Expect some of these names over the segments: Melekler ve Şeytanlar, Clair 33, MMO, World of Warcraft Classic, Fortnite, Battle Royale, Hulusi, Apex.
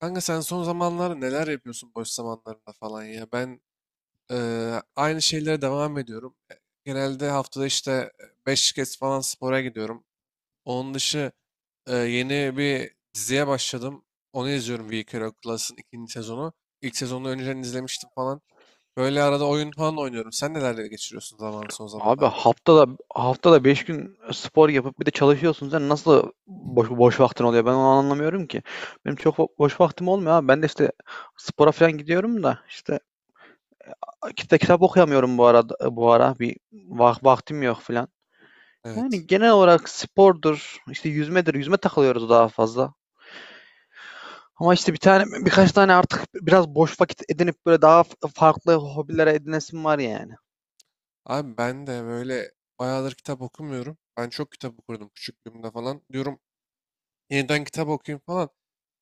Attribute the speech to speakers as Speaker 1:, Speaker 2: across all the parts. Speaker 1: Kanka sen son zamanlarda neler yapıyorsun boş zamanlarında falan ya? Ben aynı şeylere devam ediyorum. Genelde haftada işte 5 kez falan spora gidiyorum. Onun dışı yeni bir diziye başladım. Onu izliyorum We Care Class'ın ikinci sezonu. İlk sezonu önceden izlemiştim falan. Böyle arada oyun falan oynuyorum. Sen nelerle geçiriyorsun zaman son
Speaker 2: Abi
Speaker 1: zamanlarda?
Speaker 2: haftada 5 gün spor yapıp bir de çalışıyorsun. Sen nasıl boş vaktin oluyor? Ben onu anlamıyorum ki. Benim çok boş vaktim olmuyor abi. Ben de işte spora falan gidiyorum da işte kitap okuyamıyorum, bu ara bir vaktim yok falan.
Speaker 1: Evet.
Speaker 2: Yani genel olarak spordur, işte yüzmedir. Yüzme takılıyoruz daha fazla. Ama işte birkaç tane artık biraz boş vakit edinip böyle daha farklı hobilere edinesim var yani.
Speaker 1: Abi ben de böyle bayağıdır kitap okumuyorum. Ben çok kitap okurdum küçüklüğümde falan. Diyorum yeniden kitap okuyayım falan.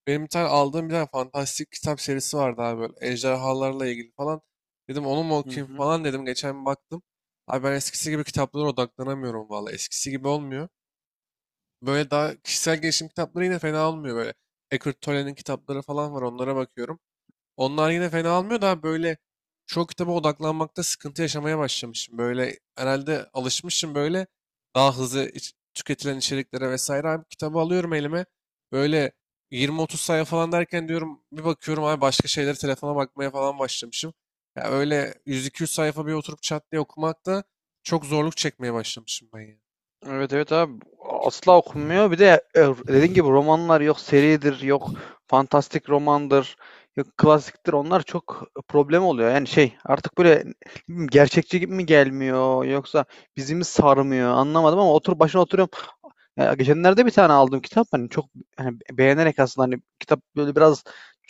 Speaker 1: Benim bir tane aldığım bir tane fantastik kitap serisi vardı abi böyle ejderhalarla ilgili falan. Dedim onu mu
Speaker 2: Hı
Speaker 1: okuyayım
Speaker 2: hı.
Speaker 1: falan dedim. Geçen bir baktım. Abi ben eskisi gibi kitaplara odaklanamıyorum valla. Eskisi gibi olmuyor. Böyle daha kişisel gelişim kitapları yine fena olmuyor böyle. Eckhart Tolle'nin kitapları falan var onlara bakıyorum. Onlar yine fena almıyor da böyle çok kitaba odaklanmakta sıkıntı yaşamaya başlamışım. Böyle herhalde alışmışım böyle daha hızlı tüketilen içeriklere vesaire. Abi kitabı alıyorum elime böyle 20-30 sayfa falan derken diyorum bir bakıyorum abi başka şeyleri telefona bakmaya falan başlamışım. Ya öyle 100-200 sayfa bir oturup çat diye okumakta çok zorluk çekmeye başlamışım ben ya.
Speaker 2: Evet, evet abi, asla okunmuyor. Bir de dediğin gibi romanlar yok, seridir yok, fantastik romandır yok, klasiktir, onlar çok problem oluyor. Yani şey artık böyle, ne bileyim, gerçekçi gibi mi gelmiyor yoksa bizi mi sarmıyor anlamadım ama otur başına oturuyorum. Ya geçenlerde bir tane aldım kitap, hani çok hani beğenerek aslında, hani kitap böyle biraz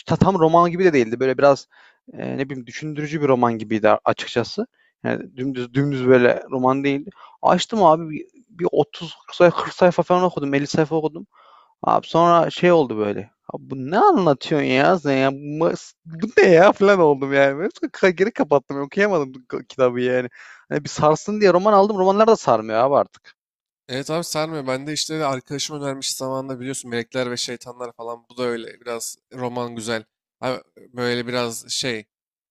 Speaker 2: tam roman gibi de değildi. Böyle biraz ne bileyim, düşündürücü bir roman gibiydi açıkçası. Yani dümdüz dümdüz böyle roman değildi. Açtım abi bir 30 sayfa, 40 sayfa falan okudum. 50 sayfa okudum. Abi sonra şey oldu böyle. Abi, bu ne anlatıyorsun ya sen ya? Bu ne ya falan oldum yani. Böyle geri kapattım. Okuyamadım kitabı yani. Hani bir sarsın diye roman aldım. Romanlar da sarmıyor abi artık.
Speaker 1: Evet abi sarmıyor. Ben de işte arkadaşım önermiş zamanında biliyorsun Melekler ve Şeytanlar falan. Bu da öyle biraz roman güzel. Abi böyle biraz şey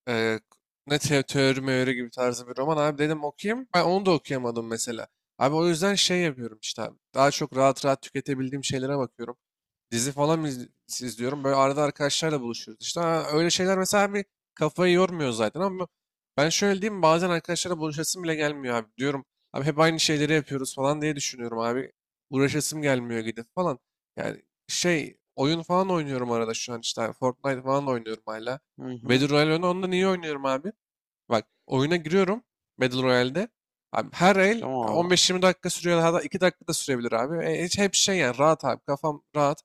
Speaker 1: e, ne teori meori gibi tarzı bir roman abi dedim okuyayım. Ben onu da okuyamadım mesela. Abi o yüzden şey yapıyorum işte abi. Daha çok rahat rahat tüketebildiğim şeylere bakıyorum. Dizi falan izliyorum. Böyle arada arkadaşlarla buluşuyoruz. İşte ha, öyle şeyler mesela bir kafayı yormuyor zaten ama ben şöyle diyeyim bazen arkadaşlarla buluşasım bile gelmiyor abi. Diyorum abi hep aynı şeyleri yapıyoruz falan diye düşünüyorum abi. Uğraşasım gelmiyor gidip falan. Yani şey oyun falan oynuyorum arada şu an işte abi. Fortnite falan oynuyorum hala.
Speaker 2: Hı hı.
Speaker 1: Battle Royale onu ondan iyi oynuyorum abi. Bak oyuna giriyorum Battle Royale'de. Abi her el
Speaker 2: Tamam abi.
Speaker 1: 15-20 dakika sürüyor. Hatta 2 dakika da sürebilir abi. Hiç hep şey yani rahat abi. Kafam rahat.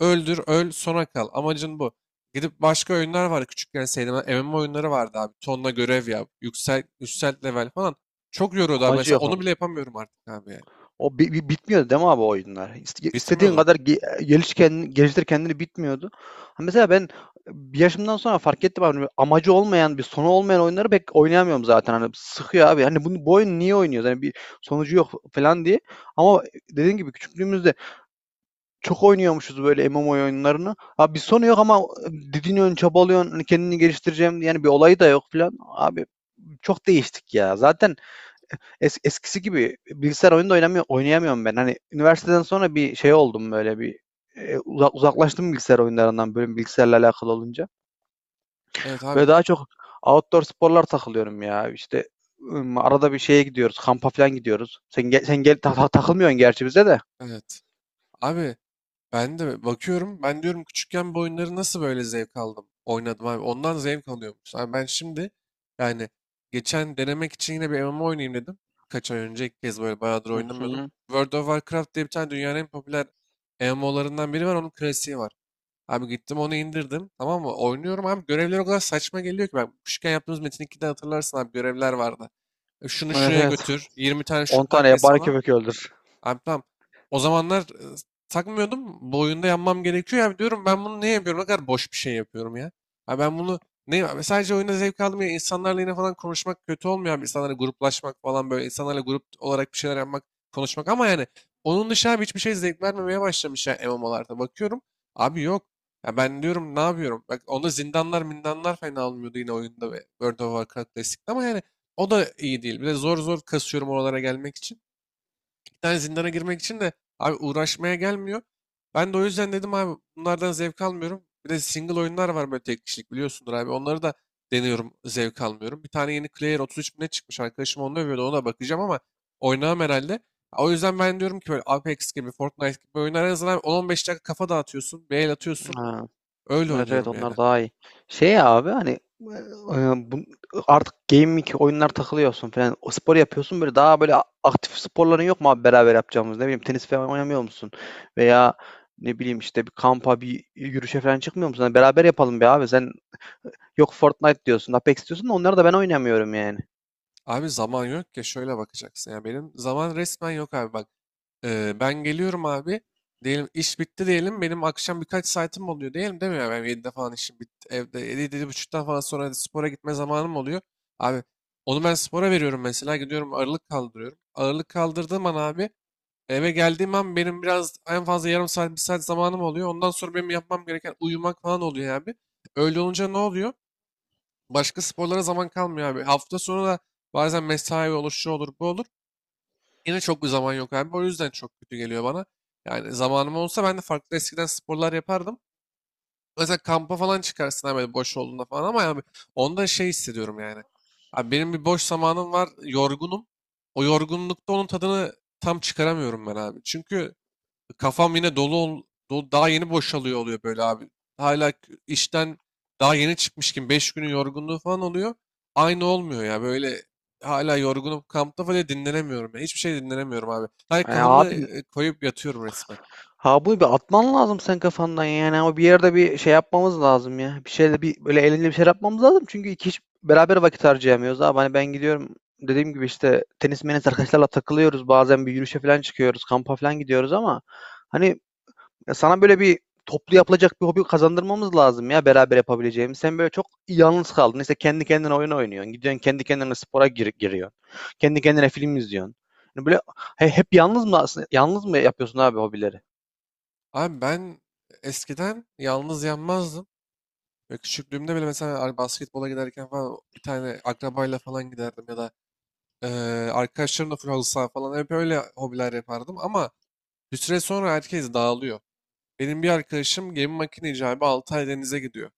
Speaker 1: Öldür, öl, sona kal. Amacın bu. Gidip başka oyunlar var küçükken sevdiğim. MMO oyunları vardı abi. Tonla görev yap. Yüksel, yükselt level falan. Çok yoruyordu abi.
Speaker 2: Amacı
Speaker 1: Mesela
Speaker 2: yok
Speaker 1: onu
Speaker 2: ama.
Speaker 1: bile yapamıyorum artık abi yani.
Speaker 2: O bitmiyordu değil mi abi o oyunlar? İstediğin
Speaker 1: Bitmiyordu.
Speaker 2: kadar geliştir kendini, bitmiyordu. Ha, mesela ben bir yaşımdan sonra fark ettim abi. Amacı olmayan, bir sonu olmayan oyunları pek oynayamıyorum zaten. Hani sıkıyor abi. Hani bu oyun niye oynuyoruz? Hani bir sonucu yok falan diye. Ama dediğin gibi küçüklüğümüzde çok oynuyormuşuz böyle MMO oyunlarını. Abi bir sonu yok ama didiniyorsun, çabalıyorsun, hani kendini geliştireceğim, yani bir olayı da yok falan. Abi çok değiştik ya. Zaten eskisi gibi bilgisayar oyunu da oynayamıyorum ben. Hani üniversiteden sonra bir şey oldum, böyle bir uzaklaştım bilgisayar oyunlarından, böyle bilgisayarla alakalı olunca.
Speaker 1: Evet abi.
Speaker 2: Böyle daha çok outdoor sporlar takılıyorum ya. İşte arada bir şeye gidiyoruz, kampa falan gidiyoruz. Sen gel, sen gel, takılmıyorsun gerçi bize de.
Speaker 1: Evet. Abi ben de bakıyorum. Ben diyorum küçükken bu oyunları nasıl böyle zevk aldım? Oynadım abi. Ondan zevk alıyormuş. Abi ben şimdi yani geçen denemek için yine bir MMO oynayayım dedim. Birkaç ay önce ilk kez böyle bayağıdır
Speaker 2: Hı
Speaker 1: oynamıyordum.
Speaker 2: hı.
Speaker 1: World of Warcraft diye bir tane dünyanın en popüler MMO'larından biri var. Onun klasiği var. Abi gittim onu indirdim. Tamam mı? Oynuyorum abi. Görevler o kadar saçma geliyor ki. Ben küçükken yaptığımız Metin 2'de hatırlarsın abi görevler vardı. Şunu
Speaker 2: Evet,
Speaker 1: şuraya
Speaker 2: evet.
Speaker 1: götür. 20 tane
Speaker 2: 10
Speaker 1: şundan
Speaker 2: tane
Speaker 1: kes
Speaker 2: yabani
Speaker 1: falan.
Speaker 2: köpek öldür.
Speaker 1: Abi tamam. O zamanlar takmıyordum. Bu oyunda yanmam gerekiyor. Ya diyorum ben bunu ne yapıyorum? Ne kadar boş bir şey yapıyorum ya. Abi ben bunu ne abi sadece oyunda zevk aldım ya. İnsanlarla yine falan konuşmak kötü olmuyor abi. İnsanlarla gruplaşmak falan böyle. İnsanlarla grup olarak bir şeyler yapmak, konuşmak. Ama yani onun dışında abi hiçbir şey zevk vermemeye başlamış ya MMO'larda. Bakıyorum abi yok. Ya ben diyorum ne yapıyorum? Bak onda zindanlar mindanlar fena olmuyordu yine oyunda ve World of Warcraft Classic'te ama yani o da iyi değil. Bir de zor zor kasıyorum oralara gelmek için tane zindana girmek için de abi uğraşmaya gelmiyor. Ben de o yüzden dedim abi bunlardan zevk almıyorum. Bir de single oyunlar var böyle tek kişilik biliyorsundur abi. Onları da deniyorum zevk almıyorum. Bir tane yeni Clair 33 bine çıkmış arkadaşım onu övüyordu ona bakacağım ama oynamam herhalde. O yüzden ben diyorum ki böyle Apex gibi Fortnite gibi oyunlar en azından 10-15 dakika kafa dağıtıyorsun, bir el atıyorsun.
Speaker 2: Ha,
Speaker 1: Öyle
Speaker 2: evet, evet,
Speaker 1: oynuyorum yani.
Speaker 2: onlar daha iyi. Şey ya abi, hani e, bu, artık gaming oyunlar takılıyorsun falan. O spor yapıyorsun böyle, daha böyle aktif sporların yok mu abi beraber yapacağımız? Ne bileyim, tenis falan oynamıyor musun? Veya ne bileyim, işte bir kampa, bir yürüyüşe falan çıkmıyor musun? Hani beraber yapalım be abi. Sen yok Fortnite diyorsun, Apex diyorsun da onları da ben oynamıyorum yani.
Speaker 1: Abi zaman yok ya şöyle bakacaksın ya benim zaman resmen yok abi bak. Ben geliyorum abi diyelim iş bitti diyelim benim akşam birkaç saatim oluyor diyelim değil mi ya ben 7'de falan işim bitti evde 7 7:30'dan falan sonra hadi spora gitme zamanım oluyor abi onu ben spora veriyorum mesela gidiyorum ağırlık kaldırıyorum ağırlık kaldırdığım an abi eve geldiğim an benim biraz en fazla yarım saat bir saat zamanım oluyor ondan sonra benim yapmam gereken uyumak falan oluyor abi öyle olunca ne oluyor? Başka sporlara zaman kalmıyor abi. Hafta sonu da bazen mesai olur, şu olur, bu olur. Yine çok bir zaman yok abi. O yüzden çok kötü geliyor bana. Yani zamanım olsa ben de farklı eskiden sporlar yapardım. Mesela kampa falan çıkarsın abi böyle boş olduğunda falan ama yani onda şey hissediyorum yani. Abi benim bir boş zamanım var, yorgunum. O yorgunlukta onun tadını tam çıkaramıyorum ben abi. Çünkü kafam yine dolu daha yeni boşalıyor oluyor böyle abi. Hala işten daha yeni çıkmış gibi 5 günün yorgunluğu falan oluyor. Aynı olmuyor ya böyle hala yorgunum kampta falan dinlenemiyorum ya. Hiçbir şey dinlenemiyorum abi. Hayır
Speaker 2: Ay
Speaker 1: kafamı
Speaker 2: abi,
Speaker 1: koyup yatıyorum resmen.
Speaker 2: ha, bunu bir atman lazım sen kafandan. Yani o, bir yerde bir şey yapmamız lazım ya. Bir şeyle, bir böyle eğlenceli bir şey yapmamız lazım. Çünkü iki kişi beraber vakit harcayamıyoruz abi. Hani ben gidiyorum dediğim gibi, işte tenis menis arkadaşlarla takılıyoruz. Bazen bir yürüyüşe falan çıkıyoruz. Kampa falan gidiyoruz ama hani, ya sana böyle bir toplu yapılacak bir hobi kazandırmamız lazım ya, beraber yapabileceğimiz. Sen böyle çok yalnız kaldın. İşte kendi kendine oyun oynuyorsun. Gidiyorsun kendi kendine spora giriyorsun. Kendi kendine film izliyorsun. Yani böyle hep yalnız mı yapıyorsun abi hobileri?
Speaker 1: Abi ben eskiden yalnız yanmazdım. Ve küçüklüğümde bile mesela basketbola giderken falan bir tane akrabayla falan giderdim ya da e, arkadaşlarımla full halı saha falan hep öyle hobiler yapardım ama bir süre sonra herkes dağılıyor. Benim bir arkadaşım gemi makine icabı 6 ay denize gidiyor.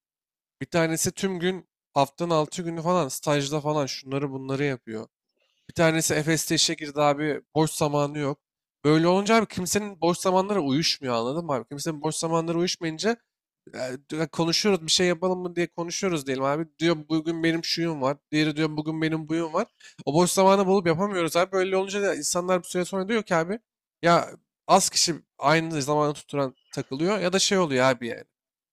Speaker 1: Bir tanesi tüm gün haftanın 6 günü falan stajda falan şunları bunları yapıyor. Bir tanesi Efes'te işe girdi abi boş zamanı yok. Böyle olunca abi kimsenin boş zamanları uyuşmuyor anladın mı abi? Kimsenin boş zamanları uyuşmayınca ya, konuşuyoruz bir şey yapalım mı diye konuşuyoruz diyelim abi. Diyor bugün benim şuyum var. Diğeri diyor bugün benim buyum var. O boş zamanı bulup yapamıyoruz abi. Böyle olunca da insanlar bir süre sonra diyor ki abi ya az kişi aynı zamanı tutturan takılıyor ya da şey oluyor abi yani.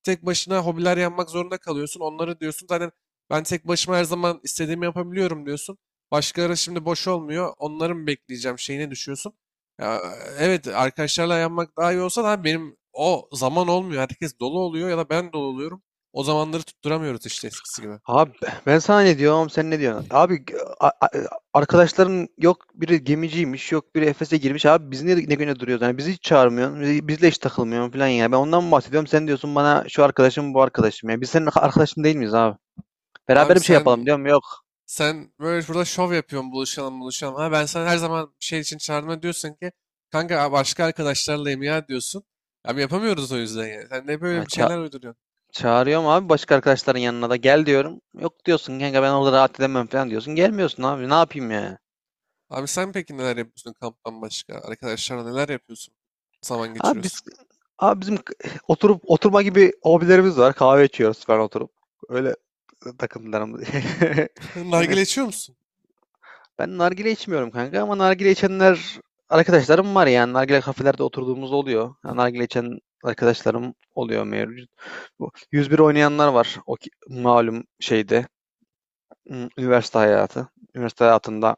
Speaker 1: Tek başına hobiler yapmak zorunda kalıyorsun. Onları diyorsun zaten ben tek başıma her zaman istediğimi yapabiliyorum diyorsun. Başkaları şimdi boş olmuyor. Onları mı bekleyeceğim şeyine düşüyorsun. Ya, evet arkadaşlarla yanmak daha iyi olsa da abi benim o zaman olmuyor. Herkes dolu oluyor ya da ben dolu oluyorum. O zamanları tutturamıyoruz işte eskisi gibi.
Speaker 2: Abi ben sana ne diyorum, sen ne diyorsun? Abi, a- a- arkadaşların yok biri gemiciymiş, yok biri Efes'e girmiş, abi biz niye ne güne duruyoruz? Yani bizi hiç çağırmıyorsun, bizle hiç takılmıyorsun falan ya. Ben ondan mı bahsediyorum, sen diyorsun bana şu arkadaşım, bu arkadaşım ya. Biz senin arkadaşın değil miyiz abi? Beraber
Speaker 1: Abi
Speaker 2: bir şey yapalım
Speaker 1: sen
Speaker 2: diyorum, yok.
Speaker 1: Sen böyle burada şov yapıyorsun buluşalım buluşalım. Ha ben sana her zaman bir şey için çağırma diyorsun ki kanka "Aa, başka arkadaşlarlayım ya" diyorsun. Abi yapamıyoruz o yüzden yani. Sen de böyle
Speaker 2: Ha,
Speaker 1: bir şeyler uyduruyorsun.
Speaker 2: çağırıyorum abi, başka arkadaşların yanına da gel diyorum. Yok diyorsun kanka, ben orada rahat edemem falan diyorsun. Gelmiyorsun abi, ne yapayım ya?
Speaker 1: Abi sen peki neler yapıyorsun kamptan başka? Arkadaşlarla neler yapıyorsun? Zaman
Speaker 2: Abi biz
Speaker 1: geçiriyorsun.
Speaker 2: abi bizim oturup oturma gibi hobilerimiz var. Kahve içiyoruz falan oturup. Öyle takımlarım. Yani
Speaker 1: Nargile içiyor musun?
Speaker 2: ben nargile içmiyorum kanka ama nargile içenler arkadaşlarım var yani. Nargile kafelerde oturduğumuz oluyor. Yani nargile içen arkadaşlarım oluyor mevcut. Bu 101 oynayanlar var. O malum şeyde üniversite hayatı. Üniversite hayatında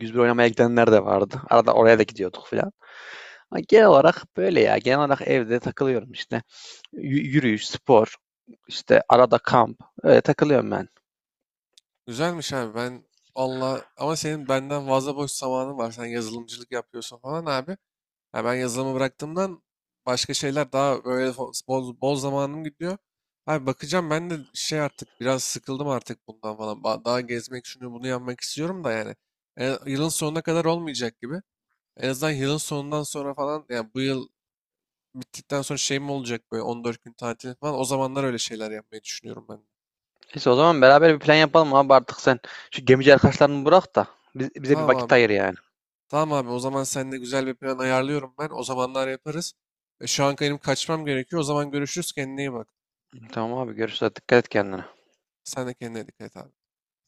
Speaker 2: 101 oynamaya gidenler de vardı. Arada oraya da gidiyorduk falan. Ama genel olarak böyle ya. Genel olarak evde takılıyorum işte. Yürüyüş, spor, işte arada kamp. Öyle takılıyorum ben.
Speaker 1: Güzelmiş abi ben Allah ama senin benden fazla boş zamanın var. Sen yazılımcılık yapıyorsun falan abi. Ya ben yazılımı bıraktığımdan başka şeyler daha böyle bol boz zamanım gidiyor. Abi bakacağım ben de şey artık biraz sıkıldım artık bundan falan. Daha gezmek şunu bunu yapmak istiyorum da yani. Yılın sonuna kadar olmayacak gibi. En azından yılın sonundan sonra falan yani bu yıl bittikten sonra şey mi olacak böyle 14 gün tatil falan. O zamanlar öyle şeyler yapmayı düşünüyorum ben de.
Speaker 2: İşte o zaman beraber bir plan yapalım abi artık sen. Şu gemici arkadaşlarını bırak da bize bir
Speaker 1: Tamam
Speaker 2: vakit
Speaker 1: abi.
Speaker 2: ayır yani.
Speaker 1: Tamam abi o zaman seninle güzel bir plan ayarlıyorum ben. O zamanlar yaparız. Şu an benim kaçmam gerekiyor. O zaman görüşürüz. Kendine iyi bak.
Speaker 2: Tamam abi, görüşürüz. Dikkat et kendine.
Speaker 1: Sen de kendine dikkat et abi.